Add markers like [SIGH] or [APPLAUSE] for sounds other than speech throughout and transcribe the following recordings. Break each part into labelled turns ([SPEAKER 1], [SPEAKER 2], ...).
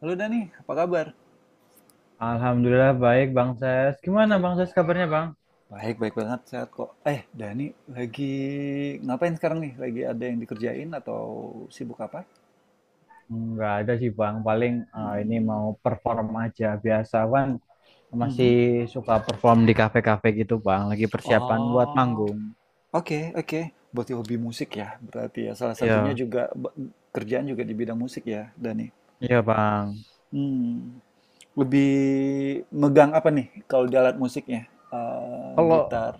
[SPEAKER 1] Halo Dani, apa kabar?
[SPEAKER 2] Alhamdulillah baik Bang Ses. Gimana
[SPEAKER 1] Iya.
[SPEAKER 2] Bang Ses kabarnya Bang?
[SPEAKER 1] Baik, baik banget, sehat kok. Dani, lagi ngapain sekarang nih? Lagi ada yang dikerjain atau sibuk apa?
[SPEAKER 2] Nggak ada sih Bang, paling ini
[SPEAKER 1] Hmm.
[SPEAKER 2] mau perform aja biasa kan masih
[SPEAKER 1] Mhm.
[SPEAKER 2] suka perform di kafe-kafe gitu Bang, lagi persiapan buat
[SPEAKER 1] Oh,
[SPEAKER 2] manggung.
[SPEAKER 1] oke, oke. Berarti hobi musik ya, berarti ya. Salah satunya
[SPEAKER 2] Iya,
[SPEAKER 1] juga kerjaan juga di bidang musik ya, Dani.
[SPEAKER 2] iya Bang.
[SPEAKER 1] Hmm. Lebih megang apa nih kalau di alat musiknya?
[SPEAKER 2] Kalau
[SPEAKER 1] Gitar,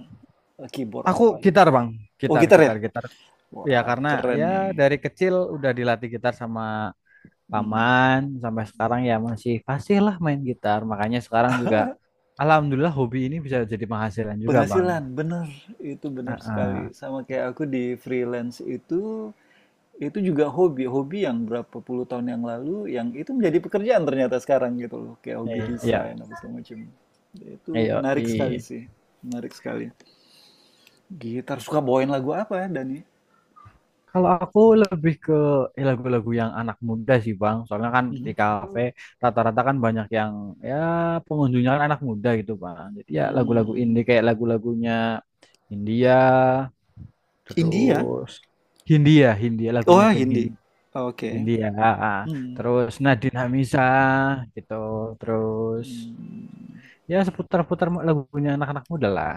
[SPEAKER 1] keyboard
[SPEAKER 2] aku
[SPEAKER 1] apa?
[SPEAKER 2] gitar Bang,
[SPEAKER 1] Oh,
[SPEAKER 2] gitar,
[SPEAKER 1] gitar ya?
[SPEAKER 2] gitar, gitar. Ya
[SPEAKER 1] Wah,
[SPEAKER 2] karena
[SPEAKER 1] keren
[SPEAKER 2] ya
[SPEAKER 1] nih.
[SPEAKER 2] dari kecil udah dilatih gitar sama
[SPEAKER 1] Hmm.
[SPEAKER 2] paman, sampai sekarang ya masih fasih lah main gitar. Makanya sekarang juga
[SPEAKER 1] [LAUGHS]
[SPEAKER 2] Alhamdulillah hobi ini bisa jadi penghasilan juga Bang.
[SPEAKER 1] Penghasilan, bener. Itu bener
[SPEAKER 2] Heeh.
[SPEAKER 1] sekali. Sama kayak aku di freelance itu juga hobi. Hobi yang berapa puluh tahun yang lalu, yang itu menjadi pekerjaan ternyata sekarang gitu loh. Kayak hobi
[SPEAKER 2] Iya,
[SPEAKER 1] desain, apa segala macam. Itu
[SPEAKER 2] iya,
[SPEAKER 1] menarik
[SPEAKER 2] iya.
[SPEAKER 1] sekali sih. Menarik sekali. Gitar, suka bawain lagu apa ya, Dani?
[SPEAKER 2] Kalau aku lebih ke lagu-lagu yang anak muda sih Bang. Soalnya kan di
[SPEAKER 1] Mhm.
[SPEAKER 2] kafe rata-rata kan banyak yang ya pengunjungnya kan anak muda gitu Bang. Jadi ya lagu-lagu
[SPEAKER 1] Hmm.
[SPEAKER 2] indie kayak lagu-lagunya India,
[SPEAKER 1] India?
[SPEAKER 2] terus Hindia, Hindia
[SPEAKER 1] Oh,
[SPEAKER 2] lagunya band Hindi,
[SPEAKER 1] Hindi. Oke.
[SPEAKER 2] Hindia, ah, ah.
[SPEAKER 1] Hmm.
[SPEAKER 2] Terus Nadine Amizah gitu, terus
[SPEAKER 1] Hmm.
[SPEAKER 2] ya seputar-putar lagunya anak-anak muda lah.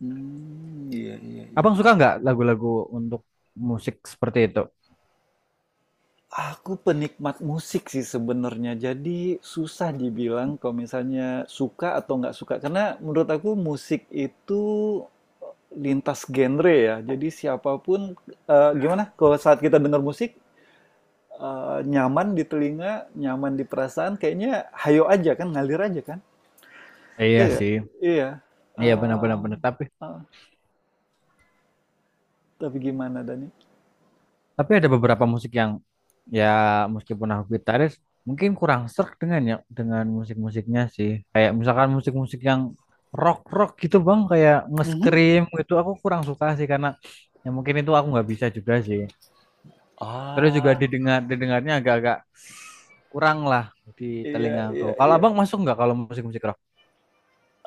[SPEAKER 1] Hmm, iya, iya, iya,
[SPEAKER 2] Abang suka
[SPEAKER 1] iya.
[SPEAKER 2] nggak lagu-lagu untuk musik seperti itu?
[SPEAKER 1] Aku penikmat musik sih sebenarnya, jadi susah dibilang kalau misalnya suka atau nggak suka. Karena menurut aku musik itu eh, lintas genre ya. Jadi siapapun, gimana? Kalau saat kita dengar musik, nyaman di telinga, nyaman di perasaan, kayaknya hayo aja kan, ngalir aja kan.
[SPEAKER 2] Iya
[SPEAKER 1] Iya, nggak?
[SPEAKER 2] sih,
[SPEAKER 1] Iya.
[SPEAKER 2] iya benar-benar benar. Tapi
[SPEAKER 1] Eh, eh, tapi gimana Dani?
[SPEAKER 2] tapi ada beberapa musik yang ya meskipun aku gitaris mungkin kurang serk dengan musik-musiknya sih. Kayak misalkan musik-musik yang rock-rock gitu bang, kayak
[SPEAKER 1] Mhm.
[SPEAKER 2] nge-scream gitu aku kurang suka sih karena ya mungkin itu aku nggak bisa juga sih. Terus juga
[SPEAKER 1] Ah,
[SPEAKER 2] didengarnya agak-agak kurang lah di
[SPEAKER 1] iya,
[SPEAKER 2] telinga aku.
[SPEAKER 1] iya,
[SPEAKER 2] Kalau
[SPEAKER 1] iya.
[SPEAKER 2] abang masuk nggak kalau musik-musik rock?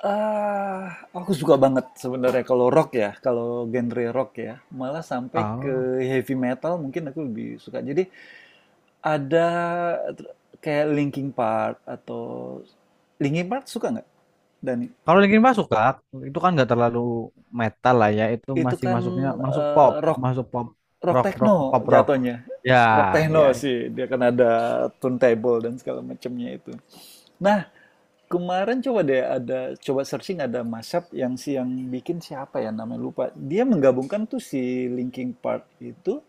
[SPEAKER 1] Ah, aku suka banget sebenarnya kalau rock ya, kalau genre rock ya, malah sampai ke
[SPEAKER 2] Ah.
[SPEAKER 1] heavy metal mungkin aku lebih suka. Jadi ada ter kayak Linkin Park atau Linkin Park suka nggak, Dani?
[SPEAKER 2] Kalau Linkin Park suka, itu kan nggak terlalu metal lah ya, itu
[SPEAKER 1] Itu
[SPEAKER 2] masih
[SPEAKER 1] kan,
[SPEAKER 2] masuknya
[SPEAKER 1] rock
[SPEAKER 2] masuk pop
[SPEAKER 1] rock
[SPEAKER 2] rock
[SPEAKER 1] techno
[SPEAKER 2] rock pop rock.
[SPEAKER 1] jatuhnya,
[SPEAKER 2] Ya,
[SPEAKER 1] rock techno
[SPEAKER 2] ya.
[SPEAKER 1] sih, dia kan ada turntable dan segala macamnya itu. Nah, kemarin coba deh ada coba searching ada mashup yang si yang bikin siapa ya namanya lupa. Dia menggabungkan tuh si Linkin Park itu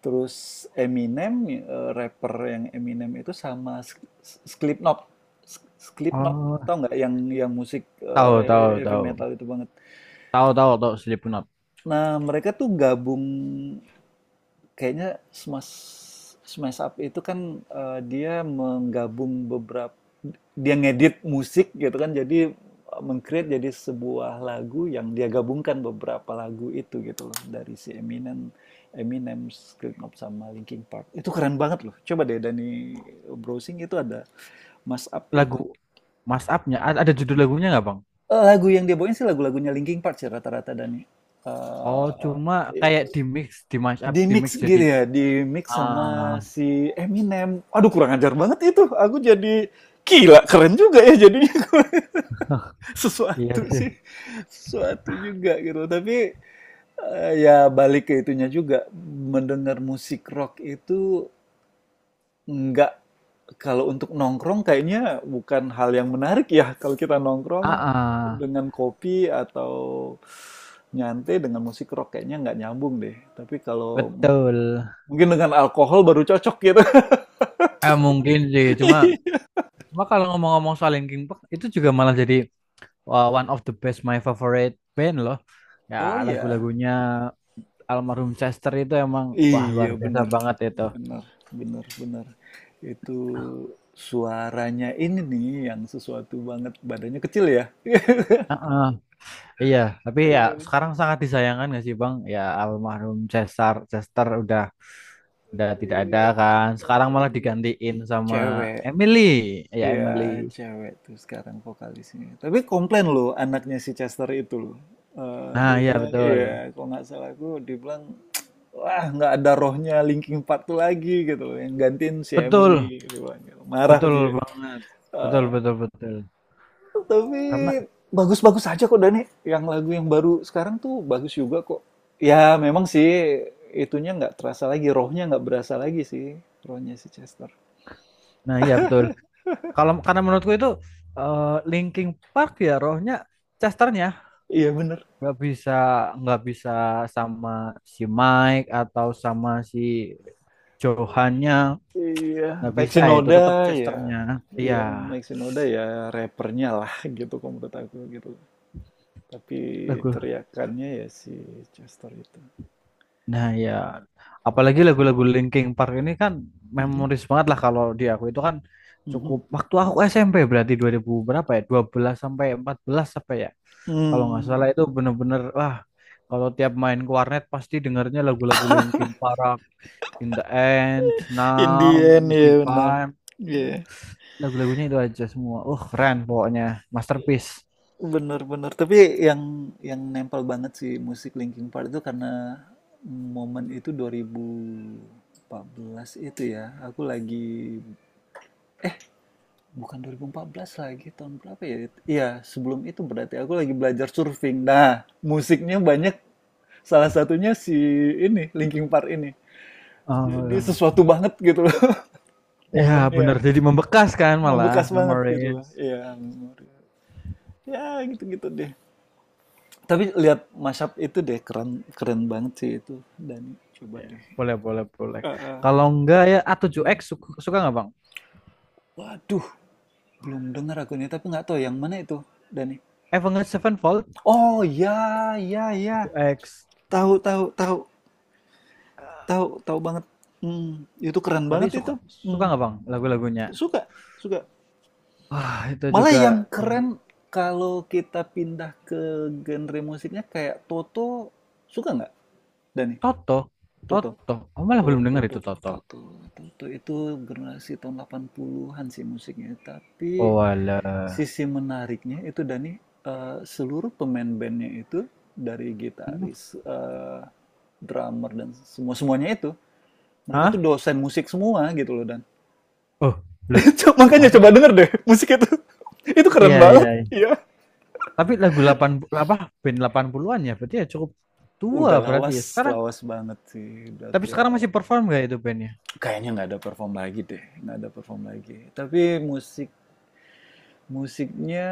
[SPEAKER 1] terus Eminem rapper yang Eminem itu sama Slipknot. Slipknot
[SPEAKER 2] Oh,
[SPEAKER 1] tau nggak yang yang musik
[SPEAKER 2] tahu tahu
[SPEAKER 1] heavy
[SPEAKER 2] tahu.
[SPEAKER 1] metal itu banget.
[SPEAKER 2] Tahu tahu tahu Slipknot.
[SPEAKER 1] Nah, mereka tuh gabung. Kayaknya Smash Smash Up itu kan, dia menggabung beberapa dia ngedit musik gitu kan, jadi, meng-create jadi sebuah lagu yang dia gabungkan beberapa lagu itu gitu loh, dari si Eminem Eminem, Slipknot, sama Linkin Park. Itu keren banget loh, coba deh Dani browsing itu ada Smash up
[SPEAKER 2] Lagu
[SPEAKER 1] itu.
[SPEAKER 2] Mas Up-nya ada judul lagunya nggak, Bang?
[SPEAKER 1] Lagu yang dia bawain sih lagu-lagunya Linkin Park sih rata-rata Dani,
[SPEAKER 2] Oh,
[SPEAKER 1] eee,
[SPEAKER 2] cuma kayak di mix, di mash up,
[SPEAKER 1] di
[SPEAKER 2] di mix
[SPEAKER 1] mix gitu
[SPEAKER 2] jadi
[SPEAKER 1] ya, di mix
[SPEAKER 2] ah
[SPEAKER 1] sama si Eminem. Aduh, kurang ajar banget itu. Aku jadi gila, keren juga ya jadinya. [LAUGHS]
[SPEAKER 2] iya
[SPEAKER 1] Sesuatu
[SPEAKER 2] sih.
[SPEAKER 1] sih, sesuatu juga gitu. Tapi ya balik ke itunya juga. Mendengar musik rock itu nggak, kalau untuk nongkrong kayaknya bukan hal yang menarik ya. Kalau kita nongkrong
[SPEAKER 2] Ah, ah,
[SPEAKER 1] dengan kopi atau nyantai dengan musik rock kayaknya nggak nyambung deh. Tapi kalau
[SPEAKER 2] betul.
[SPEAKER 1] mungkin dengan alkohol baru cocok gitu.
[SPEAKER 2] Eh mungkin sih, cuma
[SPEAKER 1] [LAUGHS]
[SPEAKER 2] cuma kalau ngomong-ngomong soal Linkin Park itu juga malah jadi one of the best my favorite band loh. Ya
[SPEAKER 1] Oh iya.
[SPEAKER 2] lagu-lagunya almarhum Chester itu emang wah
[SPEAKER 1] Iya,
[SPEAKER 2] luar biasa
[SPEAKER 1] bener.
[SPEAKER 2] banget itu.
[SPEAKER 1] Bener, bener, bener. Itu suaranya ini nih yang sesuatu banget. Badannya kecil ya. [LAUGHS]
[SPEAKER 2] Heeh, iya, tapi ya sekarang sangat disayangkan gak sih Bang? Ya almarhum Chester Chester udah tidak ada kan. Sekarang malah digantiin sama
[SPEAKER 1] Cewek.
[SPEAKER 2] Emily. Ya
[SPEAKER 1] Iya,
[SPEAKER 2] Emily.
[SPEAKER 1] cewek tuh sekarang vokalisnya. Tapi komplain loh anaknya si Chester itu loh.
[SPEAKER 2] Nah,
[SPEAKER 1] Dia
[SPEAKER 2] iya
[SPEAKER 1] bilang,
[SPEAKER 2] betul.
[SPEAKER 1] iya, kalau nggak salah aku, dia bilang wah nggak ada rohnya Linkin Park tuh lagi gitu loh, yang gantiin si
[SPEAKER 2] Betul,
[SPEAKER 1] Emily dia bilang gitu. Marah
[SPEAKER 2] betul
[SPEAKER 1] dia.
[SPEAKER 2] banget. Betul,
[SPEAKER 1] Ah,
[SPEAKER 2] betul, betul.
[SPEAKER 1] tapi
[SPEAKER 2] Karena
[SPEAKER 1] bagus-bagus aja kok Dani. Yang lagu yang baru sekarang tuh bagus juga kok. Ya memang sih itunya nggak terasa lagi, rohnya nggak berasa lagi sih, rohnya si Chester.
[SPEAKER 2] nah iya betul. Kalau karena menurutku itu eh, Linkin Park ya rohnya Chesternya
[SPEAKER 1] Iya bener.
[SPEAKER 2] nggak bisa nggak bisa sama si Mike atau sama si Johannya
[SPEAKER 1] Iya,
[SPEAKER 2] nggak
[SPEAKER 1] Mike
[SPEAKER 2] bisa ya, itu
[SPEAKER 1] Shinoda
[SPEAKER 2] tetap
[SPEAKER 1] ya.
[SPEAKER 2] Chesternya
[SPEAKER 1] Iya,
[SPEAKER 2] iya
[SPEAKER 1] Mike Shinoda ya rappernya lah gitu kalau menurut aku gitu. Tapi
[SPEAKER 2] lagu
[SPEAKER 1] teriakannya ya si Chester itu.
[SPEAKER 2] nah ya apalagi lagu-lagu Linkin Park ini kan
[SPEAKER 1] Mhm,
[SPEAKER 2] memoris banget lah kalau di aku itu kan
[SPEAKER 1] mhm.
[SPEAKER 2] cukup waktu aku SMP berarti 2000 berapa ya 12 sampai 14 apa ya kalau nggak salah
[SPEAKER 1] Hmm,
[SPEAKER 2] itu bener-bener wah kalau tiap main ke warnet pasti dengarnya lagu-lagu Linkin Park In the End, Numb,
[SPEAKER 1] Indian ya benar.
[SPEAKER 2] Mystify
[SPEAKER 1] Iya,
[SPEAKER 2] lagu-lagunya itu aja semua. Keren pokoknya, masterpiece.
[SPEAKER 1] benar-benar. Tapi yang yang nempel banget sih musik Linkin Park itu karena momen itu 2014 itu ya. Aku lagi bukan 2014 lagi tahun berapa ya? Iya, sebelum itu berarti aku lagi belajar surfing. Nah, musiknya banyak salah satunya si ini Linkin Park ini. Jadi sesuatu banget gitu loh [LAUGHS]
[SPEAKER 2] Ya bener,
[SPEAKER 1] momennya.
[SPEAKER 2] jadi membekas kan malah
[SPEAKER 1] Membekas banget gitu loh.
[SPEAKER 2] memories.
[SPEAKER 1] Iya, ya gitu-gitu deh tapi lihat mashup itu deh keren, keren banget sih itu dan coba
[SPEAKER 2] Ya,
[SPEAKER 1] deh.
[SPEAKER 2] boleh, boleh, boleh.
[SPEAKER 1] Eh, eh,
[SPEAKER 2] Kalau enggak ya
[SPEAKER 1] hmm.
[SPEAKER 2] A7X suka, suka nggak Bang?
[SPEAKER 1] Waduh, belum dengar aku ini tapi nggak tahu yang mana itu Dani.
[SPEAKER 2] Avenged Sevenfold
[SPEAKER 1] Oh ya, ya ya,
[SPEAKER 2] X.
[SPEAKER 1] tahu, tahu tahu banget. Hmm, itu keren
[SPEAKER 2] Tapi
[SPEAKER 1] banget
[SPEAKER 2] suka
[SPEAKER 1] itu.
[SPEAKER 2] suka
[SPEAKER 1] Hmm,
[SPEAKER 2] nggak Bang lagu-lagunya?
[SPEAKER 1] suka, suka,
[SPEAKER 2] Wah, itu
[SPEAKER 1] malah
[SPEAKER 2] juga
[SPEAKER 1] yang keren kalau kita pindah ke genre musiknya kayak Toto suka nggak Dani.
[SPEAKER 2] Toto,
[SPEAKER 1] Toto,
[SPEAKER 2] Toto. Oh, malah
[SPEAKER 1] tuh
[SPEAKER 2] belum
[SPEAKER 1] tuh
[SPEAKER 2] dengar
[SPEAKER 1] tuh
[SPEAKER 2] itu
[SPEAKER 1] tuh
[SPEAKER 2] Toto.
[SPEAKER 1] tuh tuh, tuh tuh, itu generasi tahun 80-an sih musiknya. Tapi
[SPEAKER 2] Oh, alah.
[SPEAKER 1] sisi menariknya itu Dani, seluruh pemain bandnya itu dari gitaris, drummer dan semua semuanya itu mereka tuh
[SPEAKER 2] Hah?
[SPEAKER 1] dosen musik semua gitu loh dan
[SPEAKER 2] Oh, loh.
[SPEAKER 1] [LAUGHS] Makanya coba
[SPEAKER 2] Menarik.
[SPEAKER 1] denger deh musik itu [LAUGHS] itu keren
[SPEAKER 2] Iya,
[SPEAKER 1] banget,
[SPEAKER 2] iya.
[SPEAKER 1] iya.
[SPEAKER 2] Tapi lagu 80 apa band 80-an ya berarti ya cukup tua
[SPEAKER 1] Udah
[SPEAKER 2] berarti
[SPEAKER 1] lawas,
[SPEAKER 2] ya sekarang.
[SPEAKER 1] lawas banget sih udah
[SPEAKER 2] Tapi
[SPEAKER 1] tua,
[SPEAKER 2] sekarang masih perform gak itu bandnya?
[SPEAKER 1] kayaknya nggak ada perform lagi deh, nggak ada perform lagi tapi musik musiknya,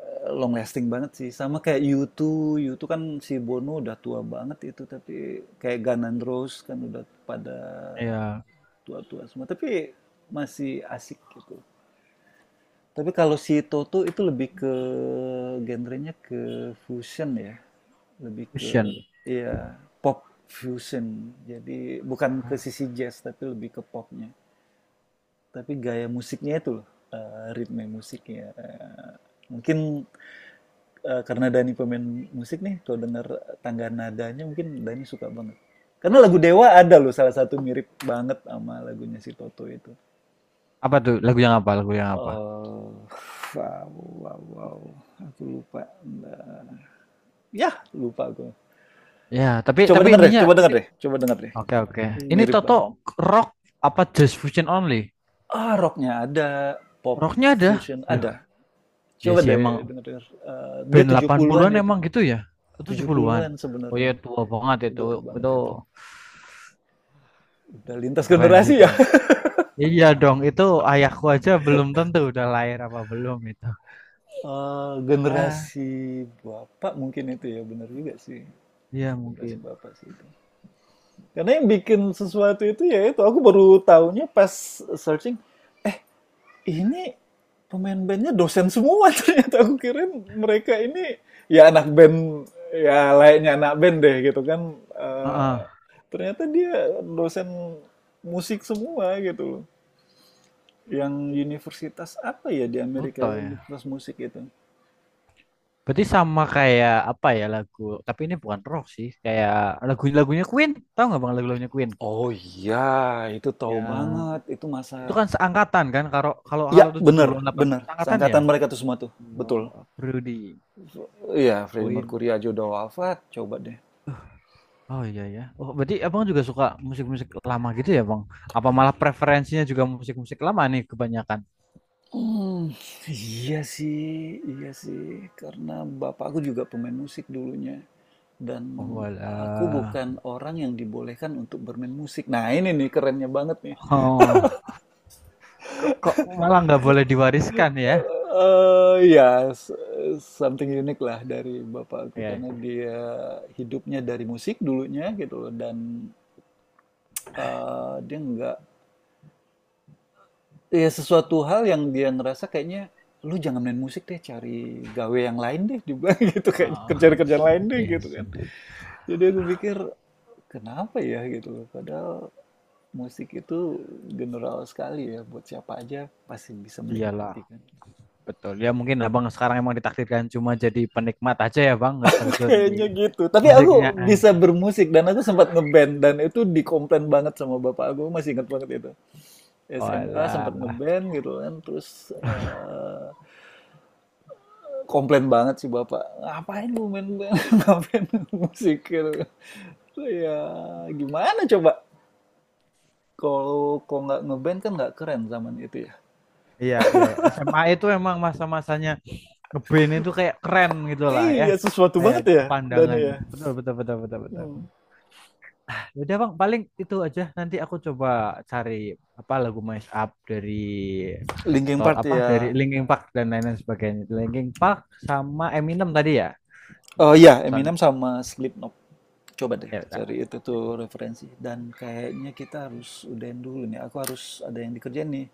[SPEAKER 1] long lasting banget sih, sama kayak U2. U2 kan si Bono udah tua banget itu, tapi kayak Guns N' Roses kan udah pada
[SPEAKER 2] Ya,
[SPEAKER 1] tua-tua semua, tapi masih asik gitu. Tapi kalau si Toto itu lebih ke genrenya ke fusion ya, lebih ke
[SPEAKER 2] Fusion.
[SPEAKER 1] iya, pop fusion. Jadi bukan ke
[SPEAKER 2] Oh.
[SPEAKER 1] sisi jazz, tapi lebih ke popnya. Tapi gaya musiknya itu loh, ritme musiknya. Mungkin karena Dani pemain musik nih, kalau dengar tangga nadanya mungkin Dani suka banget. Karena lagu Dewa ada loh salah satu mirip banget sama lagunya si Toto itu.
[SPEAKER 2] Apa tuh lagu yang apa? Lagu yang apa?
[SPEAKER 1] Oh, wow, wow, wow. Aku lupa. Nah, ya, lupa aku.
[SPEAKER 2] Ya, tapi
[SPEAKER 1] Coba
[SPEAKER 2] tapi
[SPEAKER 1] denger deh,
[SPEAKER 2] ininya
[SPEAKER 1] coba denger deh, coba denger deh.
[SPEAKER 2] oke oke. Ini
[SPEAKER 1] Mirip
[SPEAKER 2] Toto
[SPEAKER 1] banget.
[SPEAKER 2] rock apa just fusion only?
[SPEAKER 1] Ah, rocknya ada, pop
[SPEAKER 2] Rocknya ada.
[SPEAKER 1] fusion
[SPEAKER 2] Loh,
[SPEAKER 1] ada.
[SPEAKER 2] ya
[SPEAKER 1] Coba
[SPEAKER 2] sih
[SPEAKER 1] deh
[SPEAKER 2] emang
[SPEAKER 1] denger-denger. Dia
[SPEAKER 2] band
[SPEAKER 1] 70-an
[SPEAKER 2] 80-an
[SPEAKER 1] itu.
[SPEAKER 2] emang gitu ya.
[SPEAKER 1] tujuh
[SPEAKER 2] 70-an.
[SPEAKER 1] puluhan
[SPEAKER 2] Oh
[SPEAKER 1] sebenarnya.
[SPEAKER 2] ya tua
[SPEAKER 1] Ya,
[SPEAKER 2] banget itu.
[SPEAKER 1] udah tua banget
[SPEAKER 2] Itu
[SPEAKER 1] itu. Udah lintas
[SPEAKER 2] keren sih
[SPEAKER 1] generasi ya.
[SPEAKER 2] keren.
[SPEAKER 1] [LAUGHS]
[SPEAKER 2] Iya dong, itu ayahku aja belum tentu udah lahir apa belum itu. Ah.
[SPEAKER 1] Generasi bapak mungkin itu ya benar juga sih.
[SPEAKER 2] Iya
[SPEAKER 1] Generasi
[SPEAKER 2] mungkin.
[SPEAKER 1] bapak sih itu. Karena yang bikin sesuatu itu ya itu aku baru tahunya pas searching ini pemain bandnya dosen semua [LAUGHS] ternyata aku kira mereka ini ya anak band ya layaknya anak band deh gitu kan. Eh,
[SPEAKER 2] Heeh.
[SPEAKER 1] ternyata dia dosen musik semua gitu loh. Yang universitas apa ya di Amerika,
[SPEAKER 2] Toto ya.
[SPEAKER 1] universitas musik itu?
[SPEAKER 2] Berarti sama kayak apa ya lagu, tapi ini bukan rock sih, kayak lagu-lagunya Queen. Tahu nggak Bang lagu-lagunya Queen?
[SPEAKER 1] Oh iya, itu tahu
[SPEAKER 2] Yang
[SPEAKER 1] banget. Itu masa.
[SPEAKER 2] itu kan seangkatan kan kalau kalau
[SPEAKER 1] Ya,
[SPEAKER 2] kalau tujuh
[SPEAKER 1] bener,
[SPEAKER 2] puluh delapan
[SPEAKER 1] bener.
[SPEAKER 2] 80 seangkatan ya.
[SPEAKER 1] Seangkatan mereka tuh semua tuh. Betul.
[SPEAKER 2] Oh, Rudy,
[SPEAKER 1] Iya, Freddie
[SPEAKER 2] Queen.
[SPEAKER 1] Mercury aja udah wafat. Coba deh.
[SPEAKER 2] Oh iya ya. Oh, berarti Abang juga suka musik-musik lama gitu ya, Bang? Apa malah preferensinya juga musik-musik lama nih kebanyakan?
[SPEAKER 1] Hmm, iya sih, iya sih. Karena bapakku juga pemain musik dulunya. Dan
[SPEAKER 2] Oh,
[SPEAKER 1] aku
[SPEAKER 2] walah.
[SPEAKER 1] bukan orang yang dibolehkan untuk bermain musik. Nah, ini nih kerennya banget nih.
[SPEAKER 2] Oh, kok malah nggak boleh diwariskan ya?
[SPEAKER 1] Iya, s something unique lah dari bapakku
[SPEAKER 2] Iya.
[SPEAKER 1] karena dia hidupnya dari musik dulunya gitu loh dan, dia nggak, ya sesuatu hal yang dia ngerasa kayaknya, "Lu jangan main musik deh, cari gawe yang lain deh," juga [LAUGHS] gitu, "kayaknya
[SPEAKER 2] Oh,
[SPEAKER 1] kerjaan-kerjaan lain
[SPEAKER 2] [LAUGHS]
[SPEAKER 1] deh," gitu
[SPEAKER 2] yes.
[SPEAKER 1] kan. Jadi aku pikir, "Kenapa ya?" Gitu loh, padahal musik itu general sekali ya buat siapa aja pasti bisa
[SPEAKER 2] Iyalah,
[SPEAKER 1] menikmati kan.
[SPEAKER 2] betul. Ya mungkin abang sekarang emang ditakdirkan cuma jadi penikmat aja ya bang, nggak terjun di
[SPEAKER 1] Kayaknya gitu. Tapi
[SPEAKER 2] musiknya
[SPEAKER 1] aku bisa
[SPEAKER 2] aja.
[SPEAKER 1] bermusik dan aku sempat ngeband dan itu dikomplain banget sama bapak aku. Masih ingat banget itu. SMA sempat
[SPEAKER 2] Olah.
[SPEAKER 1] ngeband gitu kan terus
[SPEAKER 2] [LAUGHS]
[SPEAKER 1] komplain banget sih bapak. Ngapain lu main band? [LAUGHS] Ngapain lu musik gitu. Ya gimana coba? Kalau kok nggak ngeband kan nggak keren zaman itu ya.
[SPEAKER 2] Iya, iya, iya. SMA itu emang masa-masanya ngeband itu kayak keren gitu lah ya.
[SPEAKER 1] Iya sesuatu
[SPEAKER 2] Kayak
[SPEAKER 1] banget ya Dani
[SPEAKER 2] pandangan.
[SPEAKER 1] ya.
[SPEAKER 2] Betul, betul, betul, betul, betul.
[SPEAKER 1] Hmm.
[SPEAKER 2] Ya udah bang, paling itu aja. Nanti aku coba cari apa lagu Mash Up dari
[SPEAKER 1] Linkin
[SPEAKER 2] to-
[SPEAKER 1] Park
[SPEAKER 2] apa
[SPEAKER 1] ya.
[SPEAKER 2] dari Linkin Park dan lain-lain sebagainya. Linkin Park sama Eminem tadi ya.
[SPEAKER 1] Oh
[SPEAKER 2] Udah,
[SPEAKER 1] iya
[SPEAKER 2] soalnya.
[SPEAKER 1] Eminem sama Slipknot. Coba deh
[SPEAKER 2] Ya
[SPEAKER 1] cari
[SPEAKER 2] udah.
[SPEAKER 1] itu tuh referensi dan kayaknya kita harus udahin dulu nih. Aku harus ada yang dikerjain nih.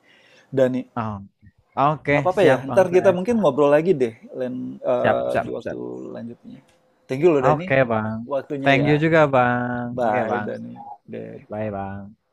[SPEAKER 1] Dani,
[SPEAKER 2] Oh,
[SPEAKER 1] nggak
[SPEAKER 2] oke,
[SPEAKER 1] apa-apa ya.
[SPEAKER 2] siap
[SPEAKER 1] Ntar
[SPEAKER 2] Bang
[SPEAKER 1] kita
[SPEAKER 2] Said.
[SPEAKER 1] mungkin ngobrol lagi deh lain
[SPEAKER 2] Siap,
[SPEAKER 1] di
[SPEAKER 2] siap,
[SPEAKER 1] waktu
[SPEAKER 2] siap.
[SPEAKER 1] lanjutnya. Thank you loh Dani,
[SPEAKER 2] Oke, Bang.
[SPEAKER 1] waktunya
[SPEAKER 2] Thank
[SPEAKER 1] ya.
[SPEAKER 2] you juga, Bang. Oke,
[SPEAKER 1] Bye
[SPEAKER 2] Bang.
[SPEAKER 1] Dani. Deh.
[SPEAKER 2] Goodbye, Bang.